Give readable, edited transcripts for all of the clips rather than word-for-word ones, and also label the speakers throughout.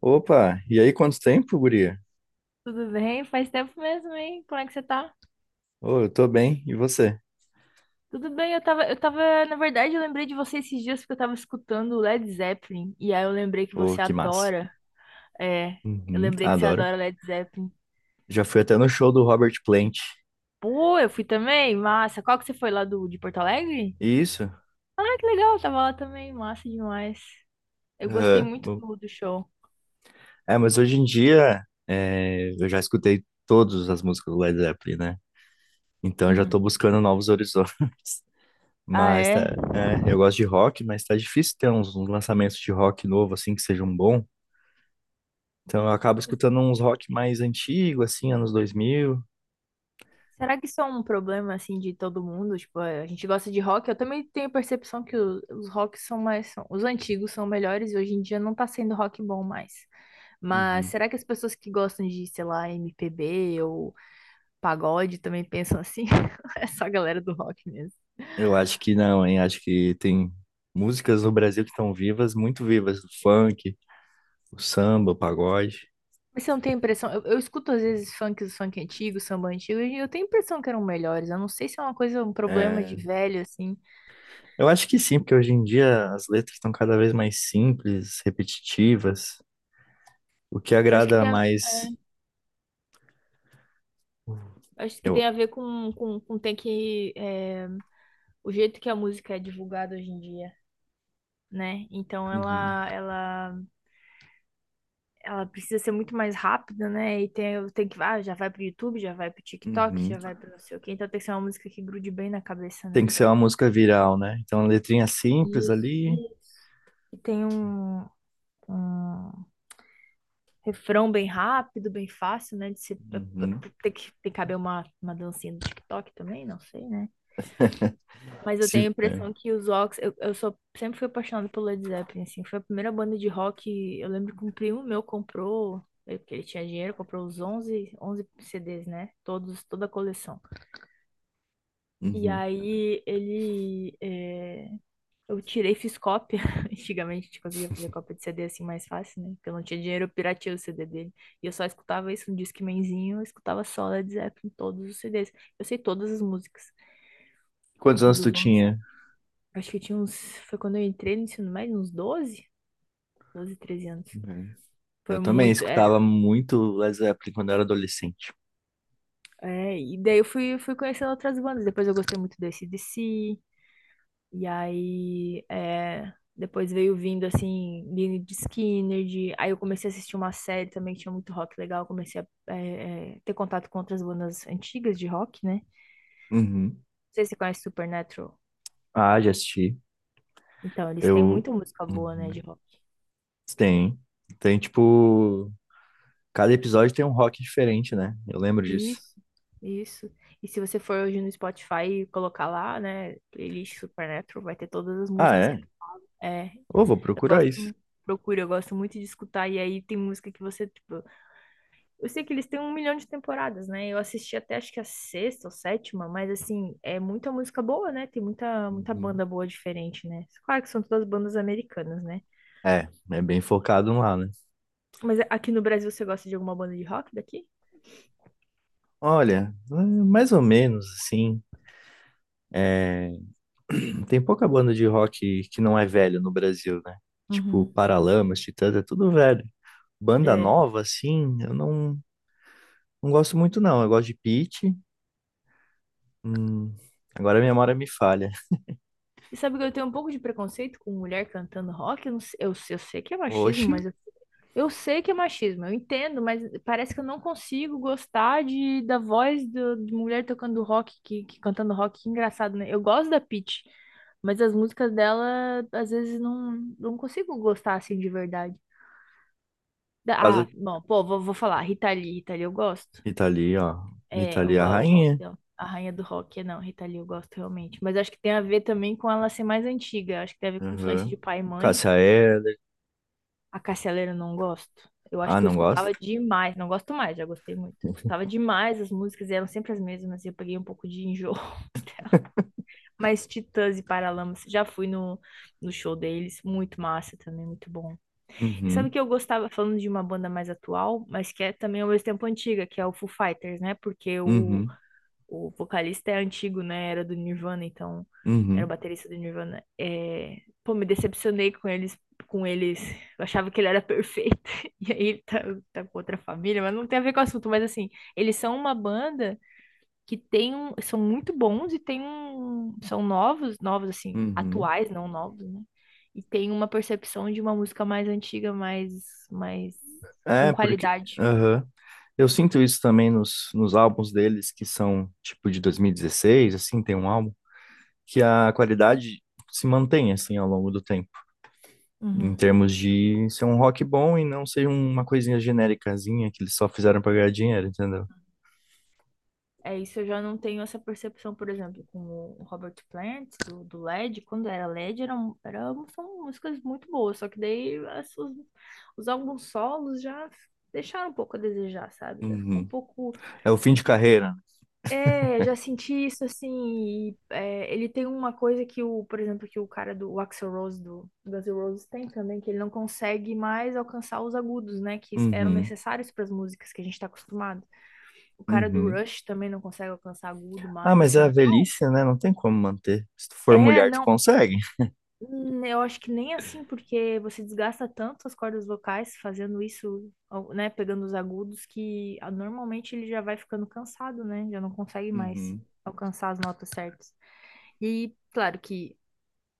Speaker 1: Opa, e aí, quanto tempo, guria?
Speaker 2: Tudo bem? Faz tempo mesmo, hein? Como é que você tá?
Speaker 1: Ô, eu tô bem, e você?
Speaker 2: Tudo bem, eu tava, na verdade, eu lembrei de você esses dias porque eu tava escutando o Led Zeppelin, e aí eu lembrei que
Speaker 1: Ô,
Speaker 2: você
Speaker 1: que massa.
Speaker 2: adora. É, eu
Speaker 1: Uhum,
Speaker 2: lembrei que você
Speaker 1: adoro.
Speaker 2: adora Led Zeppelin.
Speaker 1: Já fui até no show do Robert Plant.
Speaker 2: Pô, eu fui também, massa. Qual que você foi lá de Porto Alegre?
Speaker 1: Isso?
Speaker 2: Ah, que legal, eu tava lá também, massa demais. Eu gostei
Speaker 1: Aham,
Speaker 2: muito
Speaker 1: bom.
Speaker 2: do show.
Speaker 1: Mas hoje em dia eu já escutei todas as músicas do Led Zeppelin, né? Então eu já
Speaker 2: Uhum.
Speaker 1: tô buscando novos horizontes.
Speaker 2: Ah,
Speaker 1: Mas
Speaker 2: é?
Speaker 1: tá, é, eu gosto de rock, mas tá difícil ter uns lançamentos de rock novo, assim, que sejam bons. Então eu acabo escutando uns rock mais antigo, assim, anos 2000.
Speaker 2: Será que isso é um problema, assim, de todo mundo? Tipo, a gente gosta de rock. Eu também tenho a percepção que os rocks são mais, os antigos são melhores e hoje em dia não tá sendo rock bom mais. Mas
Speaker 1: Uhum.
Speaker 2: será que as pessoas que gostam de, sei lá, MPB ou pagode também pensam assim? É só a galera do rock mesmo.
Speaker 1: Eu acho que não, hein? Acho que tem músicas no Brasil que estão vivas, muito vivas. O funk, o samba, o pagode.
Speaker 2: Mas você não tem a impressão. Eu escuto às vezes funk antigo, samba antigo, e eu tenho a impressão que eram melhores. Eu não sei se é uma coisa, um problema de
Speaker 1: É,
Speaker 2: velho, assim.
Speaker 1: eu acho que sim, porque hoje em dia as letras estão cada vez mais simples, repetitivas. O que
Speaker 2: Eu
Speaker 1: agrada mais.
Speaker 2: acho que
Speaker 1: Eu...
Speaker 2: tem a ver com o jeito que a música é divulgada hoje em dia, né? Então
Speaker 1: Uhum,
Speaker 2: ela precisa ser muito mais rápida, né? E tem que já vai pro YouTube, já vai pro TikTok,
Speaker 1: uhum.
Speaker 2: já vai pro não sei o quê. Então tem que ser uma música que grude bem na cabeça,
Speaker 1: Tem
Speaker 2: né?
Speaker 1: que ser uma música viral, né? Então, uma letrinha simples
Speaker 2: Isso,
Speaker 1: ali.
Speaker 2: isso. E tem um, um refrão bem rápido, bem fácil, né? De ser,
Speaker 1: Uhum.
Speaker 2: tem que caber uma dancinha do TikTok também, não sei, né? Mas eu tenho a
Speaker 1: Se... é,
Speaker 2: impressão que eu, sempre fui apaixonada pelo Led Zeppelin, assim, foi a primeira banda de rock. Eu lembro que um primo meu comprou, porque ele tinha dinheiro, comprou os 11 11 CDs, né, todos, toda a coleção. E
Speaker 1: uhum.
Speaker 2: aí eu tirei, fiz cópia. Antigamente a gente conseguia fazer cópia de CD assim mais fácil, né, porque eu não tinha dinheiro, eu pirateei o CD dele, e eu só escutava isso no Discmanzinho. Eu escutava só Led Zeppelin, todos os CDs, eu sei todas as músicas
Speaker 1: Quantos anos tu
Speaker 2: dos onze.
Speaker 1: tinha?
Speaker 2: Acho que eu tinha uns. Foi quando eu entrei no ensino médio, uns doze 13 anos.
Speaker 1: Uhum.
Speaker 2: Foi
Speaker 1: Eu também
Speaker 2: muito, era.
Speaker 1: escutava muito Led Zeppelin quando eu era adolescente.
Speaker 2: É, e daí eu fui conhecendo outras bandas. Depois eu gostei muito do AC/DC. E aí, depois veio vindo, assim, Lynyrd Skynyrd. Aí eu comecei a assistir uma série também que tinha muito rock legal. Comecei a ter contato com outras bandas antigas de rock, né? Não
Speaker 1: Uhum.
Speaker 2: sei se você conhece Supernatural.
Speaker 1: Ah, já assisti.
Speaker 2: Então, eles têm
Speaker 1: Eu.
Speaker 2: muita música boa, né, de
Speaker 1: Uhum.
Speaker 2: rock.
Speaker 1: Tem. Tem, tipo. Cada episódio tem um rock diferente, né? Eu lembro disso.
Speaker 2: Isso, isso. E se você for hoje no Spotify e colocar lá, né, playlist Supernatural, vai ter todas as
Speaker 1: Ah,
Speaker 2: músicas que
Speaker 1: é?
Speaker 2: é,
Speaker 1: Ô, vou
Speaker 2: eu
Speaker 1: procurar
Speaker 2: gosto
Speaker 1: isso.
Speaker 2: muito, procura, eu gosto muito de escutar, e aí tem música que você, tipo, eu sei que eles têm um milhão de temporadas, né? Eu assisti até acho que a sexta ou sétima, mas assim, é muita música boa, né? Tem muita
Speaker 1: Uhum.
Speaker 2: banda boa diferente, né? Claro que são todas bandas americanas, né?
Speaker 1: É, é bem focado lá, né?
Speaker 2: Mas aqui no Brasil você gosta de alguma banda de rock daqui?
Speaker 1: Olha, é mais ou menos assim. Tem pouca banda de rock que não é velha no Brasil, né? Tipo,
Speaker 2: Uhum.
Speaker 1: Paralamas, Titãs, é tudo velho. Banda
Speaker 2: É.
Speaker 1: nova, assim, eu não, não gosto muito, não. Eu gosto de Pitty. Hum, agora a memória me falha.
Speaker 2: Você sabe que eu tenho um pouco de preconceito com mulher cantando rock? Eu, não sei, eu sei que é machismo,
Speaker 1: Oxi,
Speaker 2: mas eu sei que é machismo, eu entendo, mas parece que eu não consigo gostar da voz de mulher tocando rock, que cantando rock, que engraçado, né? Eu gosto da Pitty, mas as músicas dela, às vezes, não, não consigo gostar assim de verdade. Da-
Speaker 1: por causa,
Speaker 2: Ah, bom, pô, vou falar, Rita Lee, Rita Lee eu gosto.
Speaker 1: Itali, ó.
Speaker 2: É,
Speaker 1: Itali, é a
Speaker 2: o rock
Speaker 1: rainha.
Speaker 2: dela. A rainha do rock, é não, Rita Lee, eu gosto realmente. Mas acho que tem a ver também com ela ser mais antiga. Acho que tem a ver com influência de
Speaker 1: Aham.
Speaker 2: pai e mãe.
Speaker 1: Cássia Eller.
Speaker 2: A Cássia Eller eu não gosto. Eu acho
Speaker 1: Ah,
Speaker 2: que eu
Speaker 1: não
Speaker 2: escutava
Speaker 1: gosto?
Speaker 2: demais. Não gosto mais, já gostei muito. Escutava demais, as músicas eram sempre as mesmas. E eu peguei um pouco de enjoo. Mas Titãs e Paralamas, já fui no show deles. Muito massa também, muito bom. E sabe o
Speaker 1: Uhum,
Speaker 2: que eu gostava, falando de uma banda mais atual, mas que é também ao mesmo tempo antiga, que é o Foo Fighters, né? Porque o
Speaker 1: uhum,
Speaker 2: O vocalista é antigo, né? Era do Nirvana, então era o
Speaker 1: uhum,
Speaker 2: baterista do Nirvana. Pô, me decepcionei com eles, com eles. Eu achava que ele era perfeito. E aí ele tá com outra família, mas não tem a ver com o assunto. Mas assim, eles são uma banda que tem um, são muito bons, e tem um, são novos, novos assim,
Speaker 1: uhum.
Speaker 2: atuais, não novos, né? E tem uma percepção de uma música mais antiga, mais com
Speaker 1: É, porque.
Speaker 2: qualidade.
Speaker 1: Aham. Eu sinto isso também nos álbuns deles, que são tipo de 2016, assim, tem um álbum, que a qualidade se mantém, assim, ao longo do tempo. Em
Speaker 2: Uhum.
Speaker 1: termos de ser um rock bom e não ser uma coisinha genéricazinha que eles só fizeram pra ganhar dinheiro, entendeu?
Speaker 2: É isso, eu já não tenho essa percepção, por exemplo, com o Robert Plant, do Led, quando era Led, são músicas muito boas, só que daí os álbuns solos já deixaram um pouco a desejar, sabe? Já ficou um
Speaker 1: Uhum.
Speaker 2: pouco.
Speaker 1: É o fim de carreira, né?
Speaker 2: É, já senti isso assim. E, ele tem uma coisa que por exemplo, que o cara do o Axl Rose do Guns N' Roses tem também, que ele não consegue mais alcançar os agudos, né? Que eram
Speaker 1: Uhum,
Speaker 2: necessários para as músicas que a gente está acostumado. O cara do
Speaker 1: uhum.
Speaker 2: Rush também não consegue alcançar agudo
Speaker 1: Ah,
Speaker 2: mais,
Speaker 1: mas é a velhice, né? Não tem como manter. Se tu for
Speaker 2: É,
Speaker 1: mulher, tu
Speaker 2: não,
Speaker 1: consegue.
Speaker 2: eu acho que nem assim, porque você desgasta tanto as cordas vocais fazendo isso, né, pegando os agudos, que normalmente ele já vai ficando cansado, né? Já não consegue mais
Speaker 1: Uhum.
Speaker 2: alcançar as notas certas. E claro que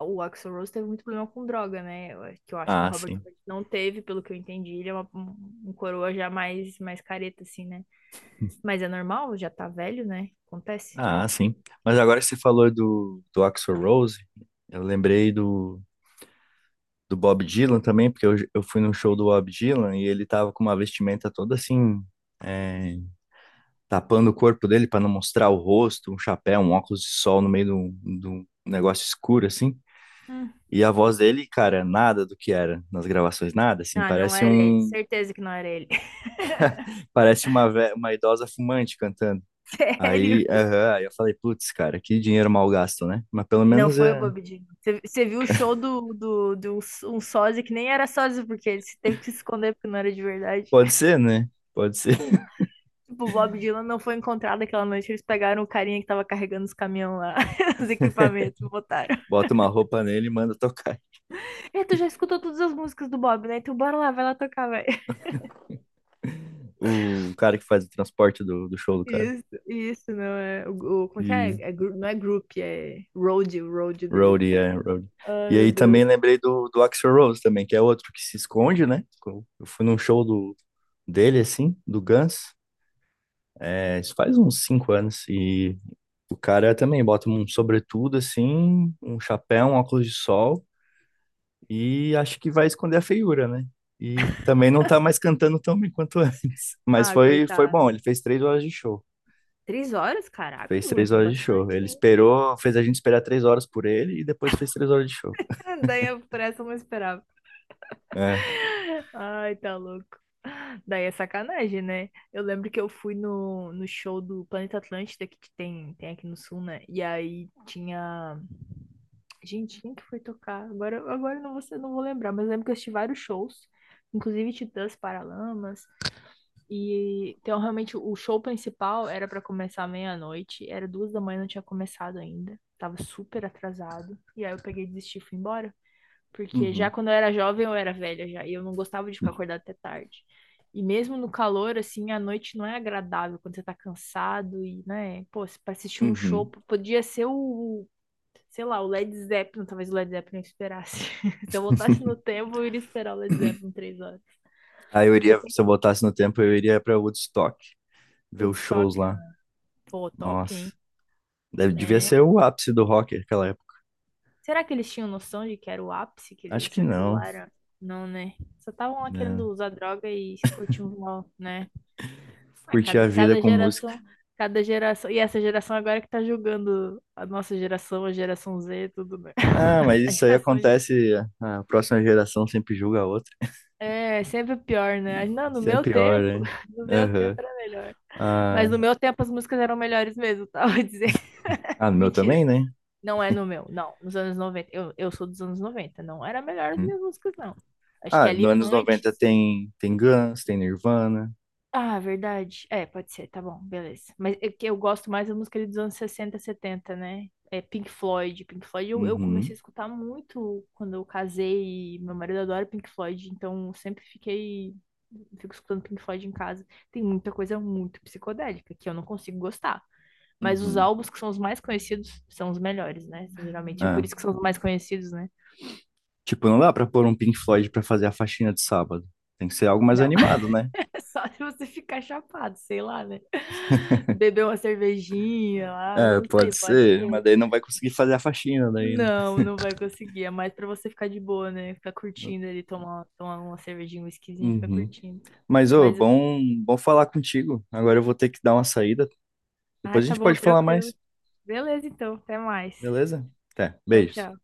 Speaker 2: o Axl Rose teve muito problema com droga, né? Que eu acho que o
Speaker 1: Ah,
Speaker 2: Robert
Speaker 1: sim.
Speaker 2: Plant não teve, pelo que eu entendi, ele é um coroa já mais, careta, assim, né? Mas é normal, já tá velho, né? Acontece.
Speaker 1: Ah, sim. Mas agora que você falou do Axl Rose, eu lembrei do Bob Dylan também, porque eu fui num show do Bob Dylan e ele tava com uma vestimenta toda assim, é, tapando o corpo dele para não mostrar o rosto, um chapéu, um óculos de sol no meio de um negócio escuro, assim.
Speaker 2: Hum.
Speaker 1: E a voz dele, cara, nada do que era nas gravações, nada, assim,
Speaker 2: Ah, não era ele. Certeza que não era ele.
Speaker 1: parece uma, uma idosa fumante cantando.
Speaker 2: Sério?
Speaker 1: Aí, aham, aí eu falei, putz, cara, que dinheiro mal gasto, né? Mas pelo
Speaker 2: Não
Speaker 1: menos
Speaker 2: foi o
Speaker 1: é,
Speaker 2: Bob Dylan. Você viu o show de um sósia que nem era sósia, porque ele teve que se esconder porque não era de verdade.
Speaker 1: pode ser, né? Pode ser.
Speaker 2: Tipo, o Bob Dylan não foi encontrado aquela noite. Eles pegaram o carinha que tava carregando os caminhões lá, os equipamentos, e botaram.
Speaker 1: Bota uma roupa nele e manda tocar.
Speaker 2: E tu já escutou todas as músicas do Bob, né? Então bora lá, vai lá tocar, vai.
Speaker 1: O cara que faz o transporte do show do cara.
Speaker 2: Isso, não é. Como é que é?
Speaker 1: E
Speaker 2: Não é group, é road, o road dele.
Speaker 1: roadie, é, roadie.
Speaker 2: Ai,
Speaker 1: E
Speaker 2: meu
Speaker 1: aí
Speaker 2: Deus.
Speaker 1: também lembrei do Axl Rose também, que é outro que se esconde, né? Eu fui num show do, dele, assim, do Guns. É, isso faz uns 5 anos. E o cara também bota um sobretudo, assim, um chapéu, um óculos de sol. E acho que vai esconder a feiura, né? E também não tá mais cantando tão bem quanto antes. Mas
Speaker 2: Ah,
Speaker 1: foi bom,
Speaker 2: coitado.
Speaker 1: ele fez 3 horas de show.
Speaker 2: 3 horas? Caraca,
Speaker 1: Fez três
Speaker 2: aguentou
Speaker 1: horas de show.
Speaker 2: bastante,
Speaker 1: Ele
Speaker 2: hein?
Speaker 1: esperou, fez a gente esperar 3 horas por ele e depois fez 3 horas de show.
Speaker 2: Daí eu, por essa, eu não esperava.
Speaker 1: É.
Speaker 2: Ai, tá louco. Daí é sacanagem, né? Eu lembro que eu fui no show do Planeta Atlântida, que tem aqui no Sul, né? E aí tinha. Gente, quem que foi tocar? Agora eu não vou lembrar, mas eu lembro que eu assisti vários shows, inclusive Titãs, Paralamas. E então realmente o show principal era pra começar meia-noite, era 2 da manhã, não tinha começado ainda. Tava super atrasado. E aí eu peguei e desisti e fui embora. Porque já
Speaker 1: Uhum.
Speaker 2: quando eu era jovem, eu era velha já, e eu não gostava de ficar acordada até tarde. E mesmo no calor, assim, a noite não é agradável quando você tá cansado e, né, pô, pra assistir um show,
Speaker 1: Uhum.
Speaker 2: podia ser o, sei lá, o Led Zeppelin. Talvez o Led Zeppelin eu esperasse. Se eu voltasse no tempo, eu iria esperar o Led Zeppelin 3 horas.
Speaker 1: Aí eu
Speaker 2: Eu
Speaker 1: iria,
Speaker 2: tenho
Speaker 1: se eu voltasse no tempo, eu iria pra Woodstock,
Speaker 2: o
Speaker 1: ver os
Speaker 2: Woodstock,
Speaker 1: shows lá.
Speaker 2: né? Pô, top,
Speaker 1: Nossa.
Speaker 2: hein?
Speaker 1: Devia
Speaker 2: É.
Speaker 1: ser o ápice do rock naquela época.
Speaker 2: Será que eles tinham noção de que era o ápice, que
Speaker 1: Acho
Speaker 2: que
Speaker 1: que
Speaker 2: aquilo
Speaker 1: não,
Speaker 2: lá era? Não, né? Só estavam lá
Speaker 1: né?
Speaker 2: querendo usar droga e curtir um mal, né? Ah,
Speaker 1: Curtir
Speaker 2: cada,
Speaker 1: a vida
Speaker 2: cada
Speaker 1: com música.
Speaker 2: geração, cada geração. E essa geração agora que tá julgando a nossa geração, a geração Z, tudo, né?
Speaker 1: Ah, mas
Speaker 2: A
Speaker 1: isso aí
Speaker 2: geração de.
Speaker 1: acontece, a próxima geração sempre julga a outra.
Speaker 2: É, sempre pior, né? Não, no meu
Speaker 1: Sempre pior,
Speaker 2: tempo,
Speaker 1: né?
Speaker 2: no meu tempo
Speaker 1: Aham.
Speaker 2: era melhor. Mas
Speaker 1: Ah,
Speaker 2: no meu tempo as músicas eram melhores mesmo. Tá? Vou dizer.
Speaker 1: ah, no meu
Speaker 2: Mentira.
Speaker 1: também, né?
Speaker 2: Não é no meu, não. Nos anos 90, eu sou dos anos 90. Não era melhor as
Speaker 1: Uhum.
Speaker 2: minhas músicas, não. Acho que
Speaker 1: Ah, nos
Speaker 2: ali
Speaker 1: anos 90
Speaker 2: antes.
Speaker 1: tem, tem Guns, tem Nirvana.
Speaker 2: Ah, verdade. É, pode ser, tá bom, beleza. Mas é que eu gosto mais da música ali dos anos 60, 70, né? É Pink Floyd. Pink Floyd eu comecei a
Speaker 1: Uhum.
Speaker 2: escutar muito quando eu casei. E meu marido adora Pink Floyd, então eu sempre fiquei. Fico escutando Pink Floyd em casa. Tem muita coisa muito psicodélica que eu não consigo gostar. Mas os
Speaker 1: Uhum.
Speaker 2: álbuns que são os mais conhecidos são os melhores, né? Geralmente é por
Speaker 1: Ah,
Speaker 2: isso que são os mais conhecidos, né?
Speaker 1: tipo, não dá pra pôr um Pink Floyd pra fazer a faxina de sábado. Tem que ser algo mais
Speaker 2: Não,
Speaker 1: animado, né?
Speaker 2: só se você ficar chapado, sei lá, né? Beber uma cervejinha lá,
Speaker 1: É,
Speaker 2: não sei,
Speaker 1: pode
Speaker 2: pode
Speaker 1: ser, mas
Speaker 2: ser.
Speaker 1: daí não vai conseguir fazer a faxina daí, né?
Speaker 2: Não, não vai conseguir. É mais pra você ficar de boa, né? Ficar curtindo ali, tomar uma cervejinha, um whiskyzinho e ficar
Speaker 1: Uhum.
Speaker 2: curtindo.
Speaker 1: Mas, ô,
Speaker 2: Mas,
Speaker 1: bom, bom falar contigo. Agora eu vou ter que dar uma saída. Depois a
Speaker 2: tá
Speaker 1: gente
Speaker 2: bom,
Speaker 1: pode falar
Speaker 2: tranquilo.
Speaker 1: mais,
Speaker 2: Beleza, então, até mais.
Speaker 1: beleza? Até,
Speaker 2: Tchau,
Speaker 1: beijos.
Speaker 2: tchau.